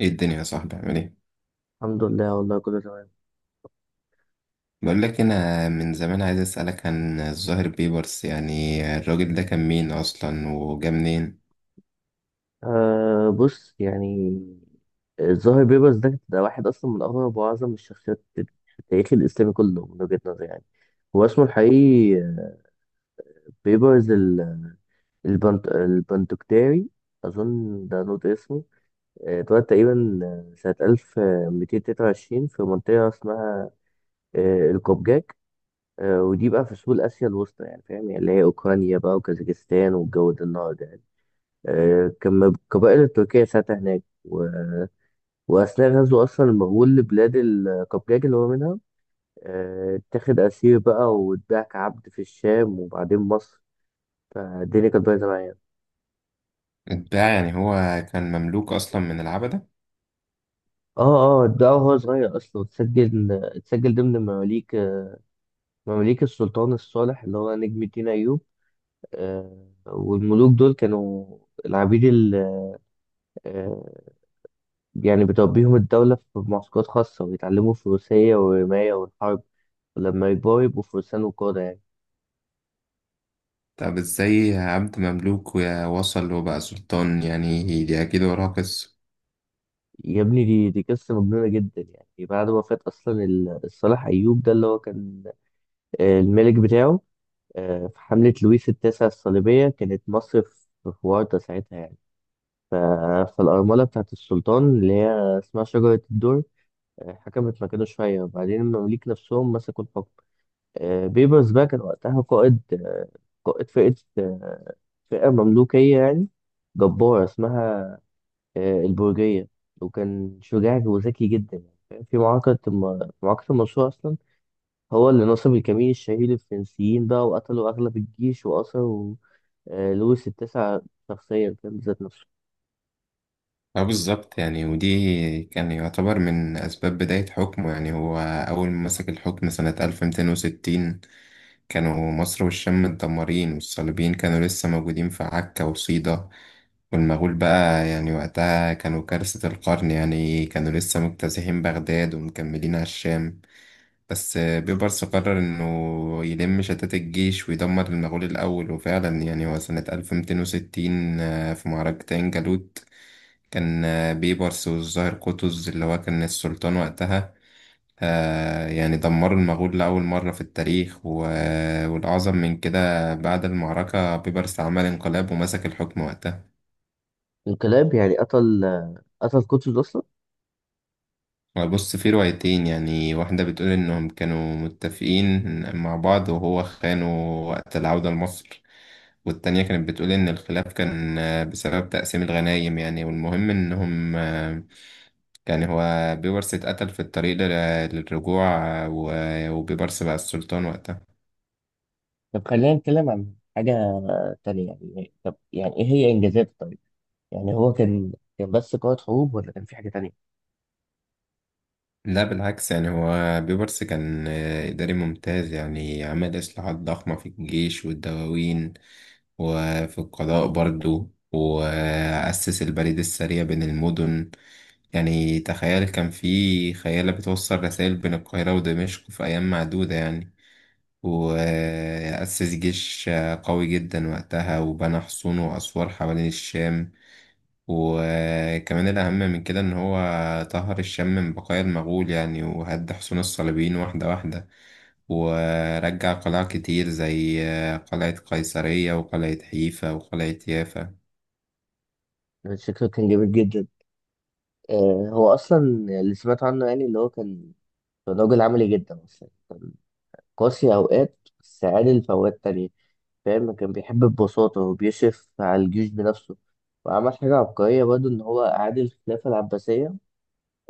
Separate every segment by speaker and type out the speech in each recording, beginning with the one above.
Speaker 1: ايه الدنيا يا صاحبي عامل ايه؟
Speaker 2: الحمد لله والله كله تمام.
Speaker 1: بقول لك انا من زمان عايز اسالك عن الظاهر بيبرس، يعني الراجل ده كان مين اصلا وجا منين؟
Speaker 2: أه بص يعني الظاهر بيبرس ده واحد اصلا من اغرب واعظم الشخصيات في التاريخ الاسلامي كله من وجهة نظري يعني. هو اسمه الحقيقي بيبرس البنت البندكتاري، اظن ده نوت اسمه. اتولد تقريبا سنة 1223 في منطقة اسمها القبجاك. ودي بقى في سهول اسيا الوسطى يعني، فاهم؟ يعني اللي هي اوكرانيا بقى وكازاخستان والجو ده النهارده. كان القبائل التركية ساعتها هناك وأثناء غزو أصلا المغول لبلاد القبجاج اللي هو منها. اتاخد أسير بقى واتباع كعبد في الشام وبعدين مصر، فالدنيا كانت بايظة معايا.
Speaker 1: اتباع يعني هو كان مملوك اصلا من العبدة؟
Speaker 2: اه اتباعه وهو صغير أصلا، اتسجل ضمن مماليك السلطان الصالح اللي هو نجم الدين أيوب. والملوك دول كانوا العبيد يعني، بتربيهم الدولة في معسكرات خاصة ويتعلموا فروسية والرماية والحرب، ولما يكبروا يبقوا فرسان وقادة يعني.
Speaker 1: طب ازاي عبد مملوك ووصل وبقى سلطان؟ يعني دي اكيد وراها قصة.
Speaker 2: يا ابني دي قصة مجنونة جدا. يعني بعد وفاة أصلا الصالح أيوب ده اللي هو كان الملك بتاعه في حملة لويس التاسع الصليبية، كانت مصر في ورطة ساعتها يعني. ف- فالأرملة بتاعت السلطان اللي هي اسمها شجرة الدر حكمت مكانه شوية، وبعدين المماليك نفسهم مسكوا الحكم. بيبرز بقى كان وقتها قائد، قائد فئة آه، فئة مملوكية يعني جبارة اسمها البرجية، وكان شجاع وذكي جدا يعني، فاهم؟ في في معركة المنصورة أصلا هو اللي نصب الكمين الشهير للفرنسيين بقى، وقتلوا أغلب الجيش وأسروا لويس التاسع شخصيا، فاهم بذات نفسه.
Speaker 1: اه بالظبط، يعني ودي كان يعتبر من أسباب بداية حكمه. يعني هو أول ما مسك الحكم سنة 1260 كانوا مصر والشام متدمرين، والصليبيين كانوا لسه موجودين في عكا وصيدا، والمغول بقى يعني وقتها كانوا كارثة القرن، يعني كانوا لسه مجتازحين بغداد ومكملين على الشام. بس بيبرس قرر إنه يلم شتات الجيش ويدمر المغول الأول، وفعلا يعني هو سنة 1260 في معركة عين جالوت كان بيبرس والظاهر قطز اللي هو كان السلطان وقتها. يعني دمروا المغول لأول مرة في التاريخ، والأعظم من كده بعد المعركة بيبرس عمل انقلاب ومسك الحكم وقتها.
Speaker 2: الكلاب، يعني قتل قتل قطز أصلا.
Speaker 1: بص في روايتين، يعني واحدة بتقول إنهم كانوا متفقين مع بعض وهو خانه وقت العودة لمصر، والتانية كانت بتقول إن الخلاف كان بسبب تقسيم الغنايم. يعني والمهم إنهم، يعني هو بيبرس اتقتل في الطريق للرجوع، وبيبرس بقى السلطان وقتها.
Speaker 2: طب خلينا نتكلم عن حاجة تانية. يعني طب يعني إيه هي إنجازاته طيب؟ يعني هو كان كان بس قائد حروب ولا كان في حاجة تانية؟
Speaker 1: لا بالعكس، يعني هو بيبرس كان إداري ممتاز. يعني عمل إصلاحات ضخمة في الجيش والدواوين وفي القضاء برضو، وأسس البريد السريع بين المدن. يعني تخيل كان في خيالة بتوصل رسائل بين القاهرة ودمشق في أيام معدودة يعني. وأسس جيش قوي جدا وقتها، وبنى حصون وأسوار حوالين الشام. وكمان الأهم من كده إن هو طهر الشام من بقايا المغول، يعني وهد حصون الصليبيين واحدة واحدة، ورجع قلاع كتير زي قلعة قيصرية وقلعة حيفا وقلعة يافا.
Speaker 2: أنا شكله كان جامد جدا. آه، هو أصلا اللي سمعت عنه يعني اللي هو كان كان راجل عملي جدا أصلا، كان قاسي أوقات بس عادل في أوقات تانية، فاهم؟ كان بيحب البساطة وبيشرف على الجيوش بنفسه، وعمل حاجة عبقرية برضه، إن هو أعاد الخلافة العباسية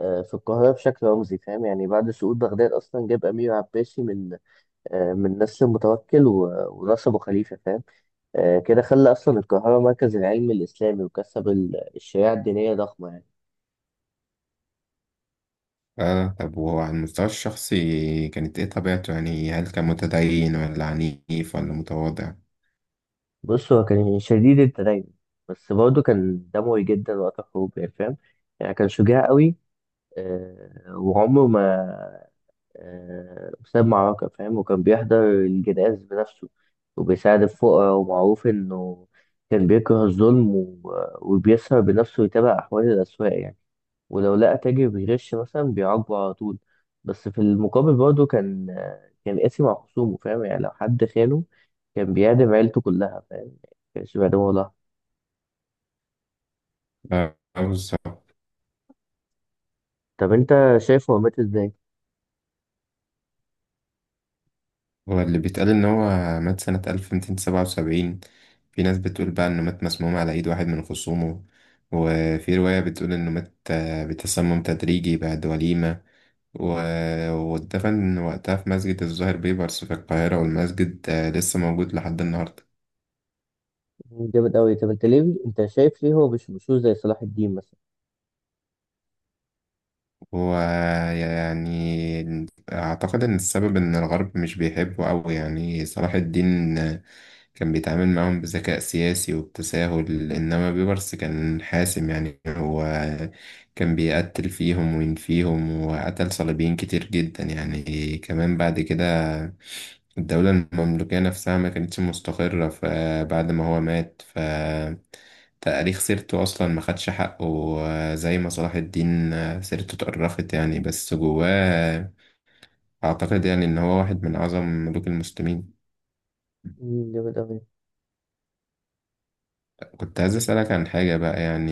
Speaker 2: آه في القاهرة بشكل رمزي، فاهم يعني؟ بعد سقوط بغداد أصلا جاب أمير عباسي من من نسل متوكل ونصبه خليفة، فاهم؟ كده خلى أصلا القاهرة مركز العلم الإسلامي، وكسب الشريعة الدينية ضخمة يعني.
Speaker 1: آه طب وهو على المستوى الشخصي كانت إيه طبيعته؟ يعني هل كان متدين ولا عنيف ولا متواضع؟
Speaker 2: بص هو كان شديد التدين، بس برضه كان دموي جدا وقت الحروب يعني، فاهم؟ يعني كان شجاع قوي، وعمره ما ساب معركة، فاهم؟ وكان بيحضر الجنائز بنفسه وبيساعد الفقراء، ومعروف إنه كان بيكره الظلم وبيسهر بنفسه ويتابع أحوال الأسواق يعني، ولو لقى تاجر بيغش مثلا بيعاقبه على طول. بس في المقابل برضه كان كان قاسي مع خصومه، فاهم؟ يعني لو حد خانه كان بيعدم عيلته كلها، فاهم؟ ما كانش بيعدمه والله.
Speaker 1: بالظبط.
Speaker 2: طب انت شايف هو مات ازاي؟
Speaker 1: هو اللي بيتقال إن هو مات سنة 1277. في ناس بتقول بقى إنه مات مسموم على إيد واحد من خصومه، وفي رواية بتقول إنه مات بتسمم تدريجي بعد وليمة، واتدفن وقتها في مسجد الزهر بيبرس في القاهرة، والمسجد لسه موجود لحد النهاردة.
Speaker 2: مم، جامد قوي. طب انت ليه، انت شايف ليه هو مش مشهور زي صلاح الدين مثلا؟
Speaker 1: هو يعني أعتقد إن السبب إن الغرب مش بيحبه أوي. يعني صلاح الدين كان بيتعامل معاهم بذكاء سياسي وبتساهل، إنما بيبرس كان حاسم. يعني هو كان بيقتل فيهم وينفيهم، وقتل صليبيين كتير جدا يعني. كمان بعد كده الدولة المملوكية نفسها ما كانتش مستقرة، فبعد ما هو مات ف تاريخ سيرته أصلا ما خدش حقه زي ما صلاح الدين سيرته اتقرفت يعني. بس جواه أعتقد يعني إن هو واحد من أعظم ملوك المسلمين.
Speaker 2: مم، جامد قوي.
Speaker 1: كنت عايز أسألك عن حاجة بقى، يعني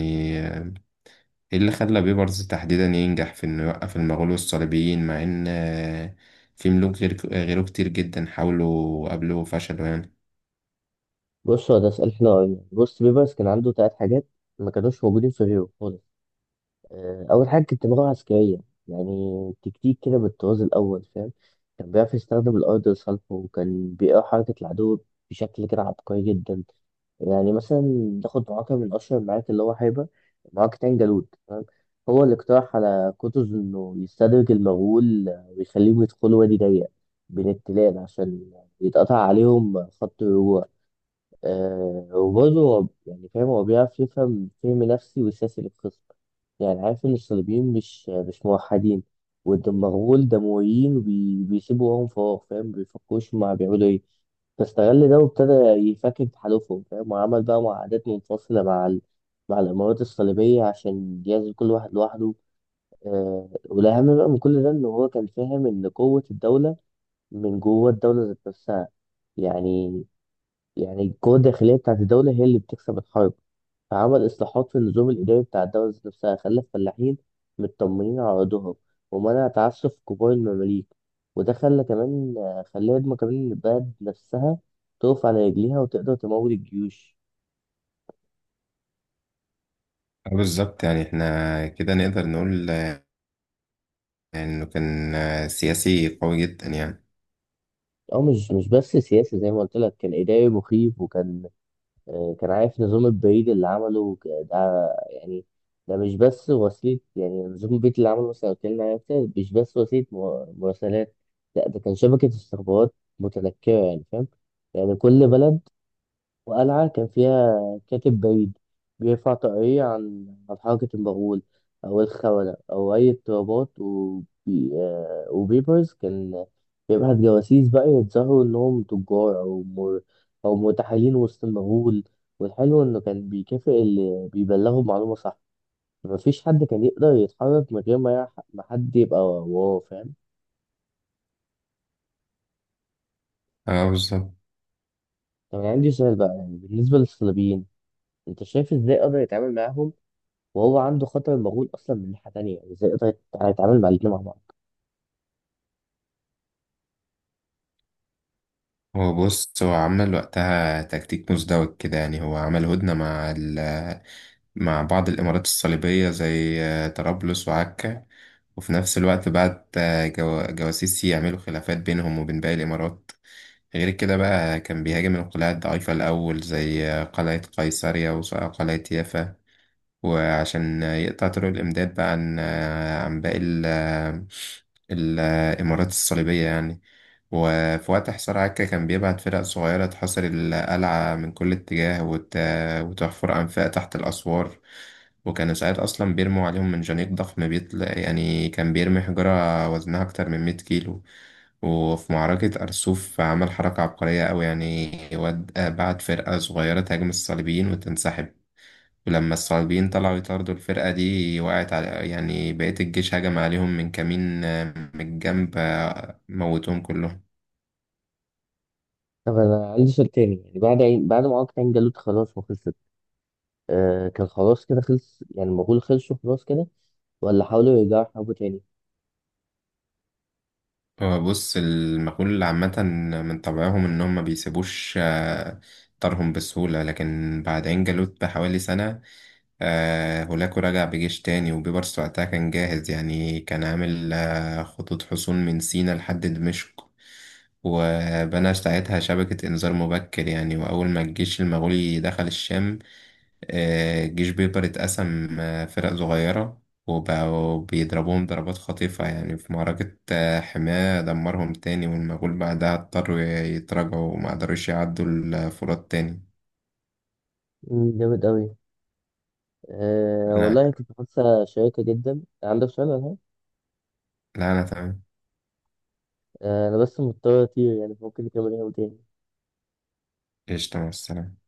Speaker 1: ايه اللي خلى بيبرز تحديدا ينجح في انه يوقف المغول والصليبيين، مع ان في ملوك غير غيره كتير جدا حاولوا وقابلوا وفشلوا يعني.
Speaker 2: بص هو ده سؤال حلو قوي. بص بيبرس كان عنده تلات حاجات ما كانوش موجودين في غيره خالص. اول حاجه كنت بلغه عسكريه، يعني تكتيك كده بالطراز الاول، فاهم؟ كان بيعرف يستخدم الارض لصالحه، وكان بيقرا حركه العدو بشكل كده عبقري جدا. يعني مثلا ناخد معركه من اشهر المعارك اللي هو حاربها، معركه عين جالوت، فاهم؟ هو اللي اقترح على قطز انه يستدرج المغول ويخليهم يدخلوا وادي ضيق بين التلال عشان يتقطع عليهم خط الرجوع. آه، وبرضه هو يعني، فاهم؟ هو بيعرف يفهم فهم نفسي وسياسي للخصم، يعني عارف إن الصليبيين مش موحدين والمغول دمويين وبيسيبوا وراهم فراغ، فاهم؟ بيفكروش هما بيعملوا إيه، فاستغل ده وابتدى يفكك تحالفهم، فاهم؟ وعمل بقى معاهدات منفصلة مع الإمارات الصليبية عشان يعزل كل واحد لوحده. آه، والأهم بقى من كل ده إن هو كان فاهم إن قوة الدولة من جوه الدولة ذات نفسها، يعني يعني القوة الداخلية بتاعت الدولة هي اللي بتكسب الحرب. فعمل إصلاحات في النظام الإداري بتاع الدولة ذات نفسها، خلى الفلاحين مطمنين على أرضهم، ومنع تعسف كبار المماليك، وده خلى كمان خلى ما كمان البلد نفسها تقف على رجليها وتقدر تمول الجيوش.
Speaker 1: بالظبط، يعني احنا كده نقدر نقول انه كان سياسي قوي جدا يعني.
Speaker 2: أو مش بس سياسي زي ما قلت لك، كان إداري مخيف، وكان كان عارف نظام البريد اللي عمله ده يعني. ده مش بس وسيلة، يعني نظام البريد اللي عمله مثلا اتكلمنا عليه أكتر، مش بس وسيلة مراسلات، لا ده كان شبكة استخبارات متنكرة يعني، فاهم؟ يعني كل بلد وقلعة كان فيها كاتب بعيد بيرفع طاقية عن عن حركة المغول أو الخونة أو أي اضطرابات، وبيبرز كان بيبعت جواسيس بقى يتظاهروا إنهم تجار أو مرتحلين وسط المغول. والحلو إنه كان بيكافئ اللي بيبلغوا بمعلومة صح، مفيش حد كان يقدر يتحرك من غير ما ما حد يبقى وراه، فاهم؟
Speaker 1: اه بالظبط.
Speaker 2: طب أنا عندي سؤال بقى، يعني بالنسبة للصليبيين أنت شايف إزاي قدر يتعامل معاهم وهو عنده خطر المغول اصلا من ناحيه تانية؟ يعني ازاي يقدر يتعامل مع الاتنين مع بعض؟
Speaker 1: هو بص هو عمل وقتها تكتيك مزدوج كده، يعني هو عمل هدنة مع ال مع بعض الإمارات الصليبية زي طرابلس وعكا، وفي نفس الوقت بعت جواسيس يعملوا خلافات بينهم وبين باقي الإمارات. غير كده بقى كان بيهاجم القلاع الضعيفة الأول زي قلعة قيصرية وقلعة يافا، وعشان يقطع طرق الإمداد بقى عن عن باقي الإمارات الصليبية يعني. وفي وقت حصار عكا كان بيبعت فرق صغيرة تحاصر القلعة من كل اتجاه، وتحفر أنفاق تحت الأسوار، وكانوا ساعات أصلا بيرموا عليهم من جنيق ضخم بيطلع، يعني كان بيرمي حجرة وزنها أكتر من مية كيلو. وفي معركة أرسوف عمل حركة عبقرية أوي، يعني بعت فرقة صغيرة تهاجم الصليبيين وتنسحب، ولما الصليبيين طلعوا يطاردوا الفرقة دي وقعت على يعني بقية الجيش، هجم عليهم من كمين من الجنب موتوهم كلهم.
Speaker 2: طب انا عندي سؤال تاني، يعني بعد بعد ما عقد عين جالوت خلاص وخلصت، آه كان خلاص كده خلص يعني المغول، خلصوا خلاص كده ولا حاولوا يرجعوا يحاربوا تاني؟
Speaker 1: هو بص المغول عامة من طبعهم إنهم ما بيسيبوش طارهم بسهولة، لكن بعد عين جالوت بحوالي سنة هولاكو رجع بجيش تاني، وبيبرس وقتها كان جاهز، يعني كان عامل خطوط حصون من سينا لحد دمشق، وبنى ساعتها شبكة إنذار مبكر. يعني وأول ما الجيش المغولي دخل الشام الجيش بيقدر يتقسم فرق صغيرة، وبقوا بيضربوهم ضربات خطيفة، يعني في معركة حماة دمرهم تاني، والمغول بعدها اضطروا يتراجعوا وما قدروش يعدوا الفرات تاني.
Speaker 2: مم، جامد قوي. آه
Speaker 1: لا،
Speaker 2: والله كنت حاسه شيقه جدا. عندك سؤال ولا حاجة؟
Speaker 1: أنا تمام.
Speaker 2: آه انا بس مضطر اطير يعني، فممكن نكمل يوم تاني.
Speaker 1: قشطة مع السلامة.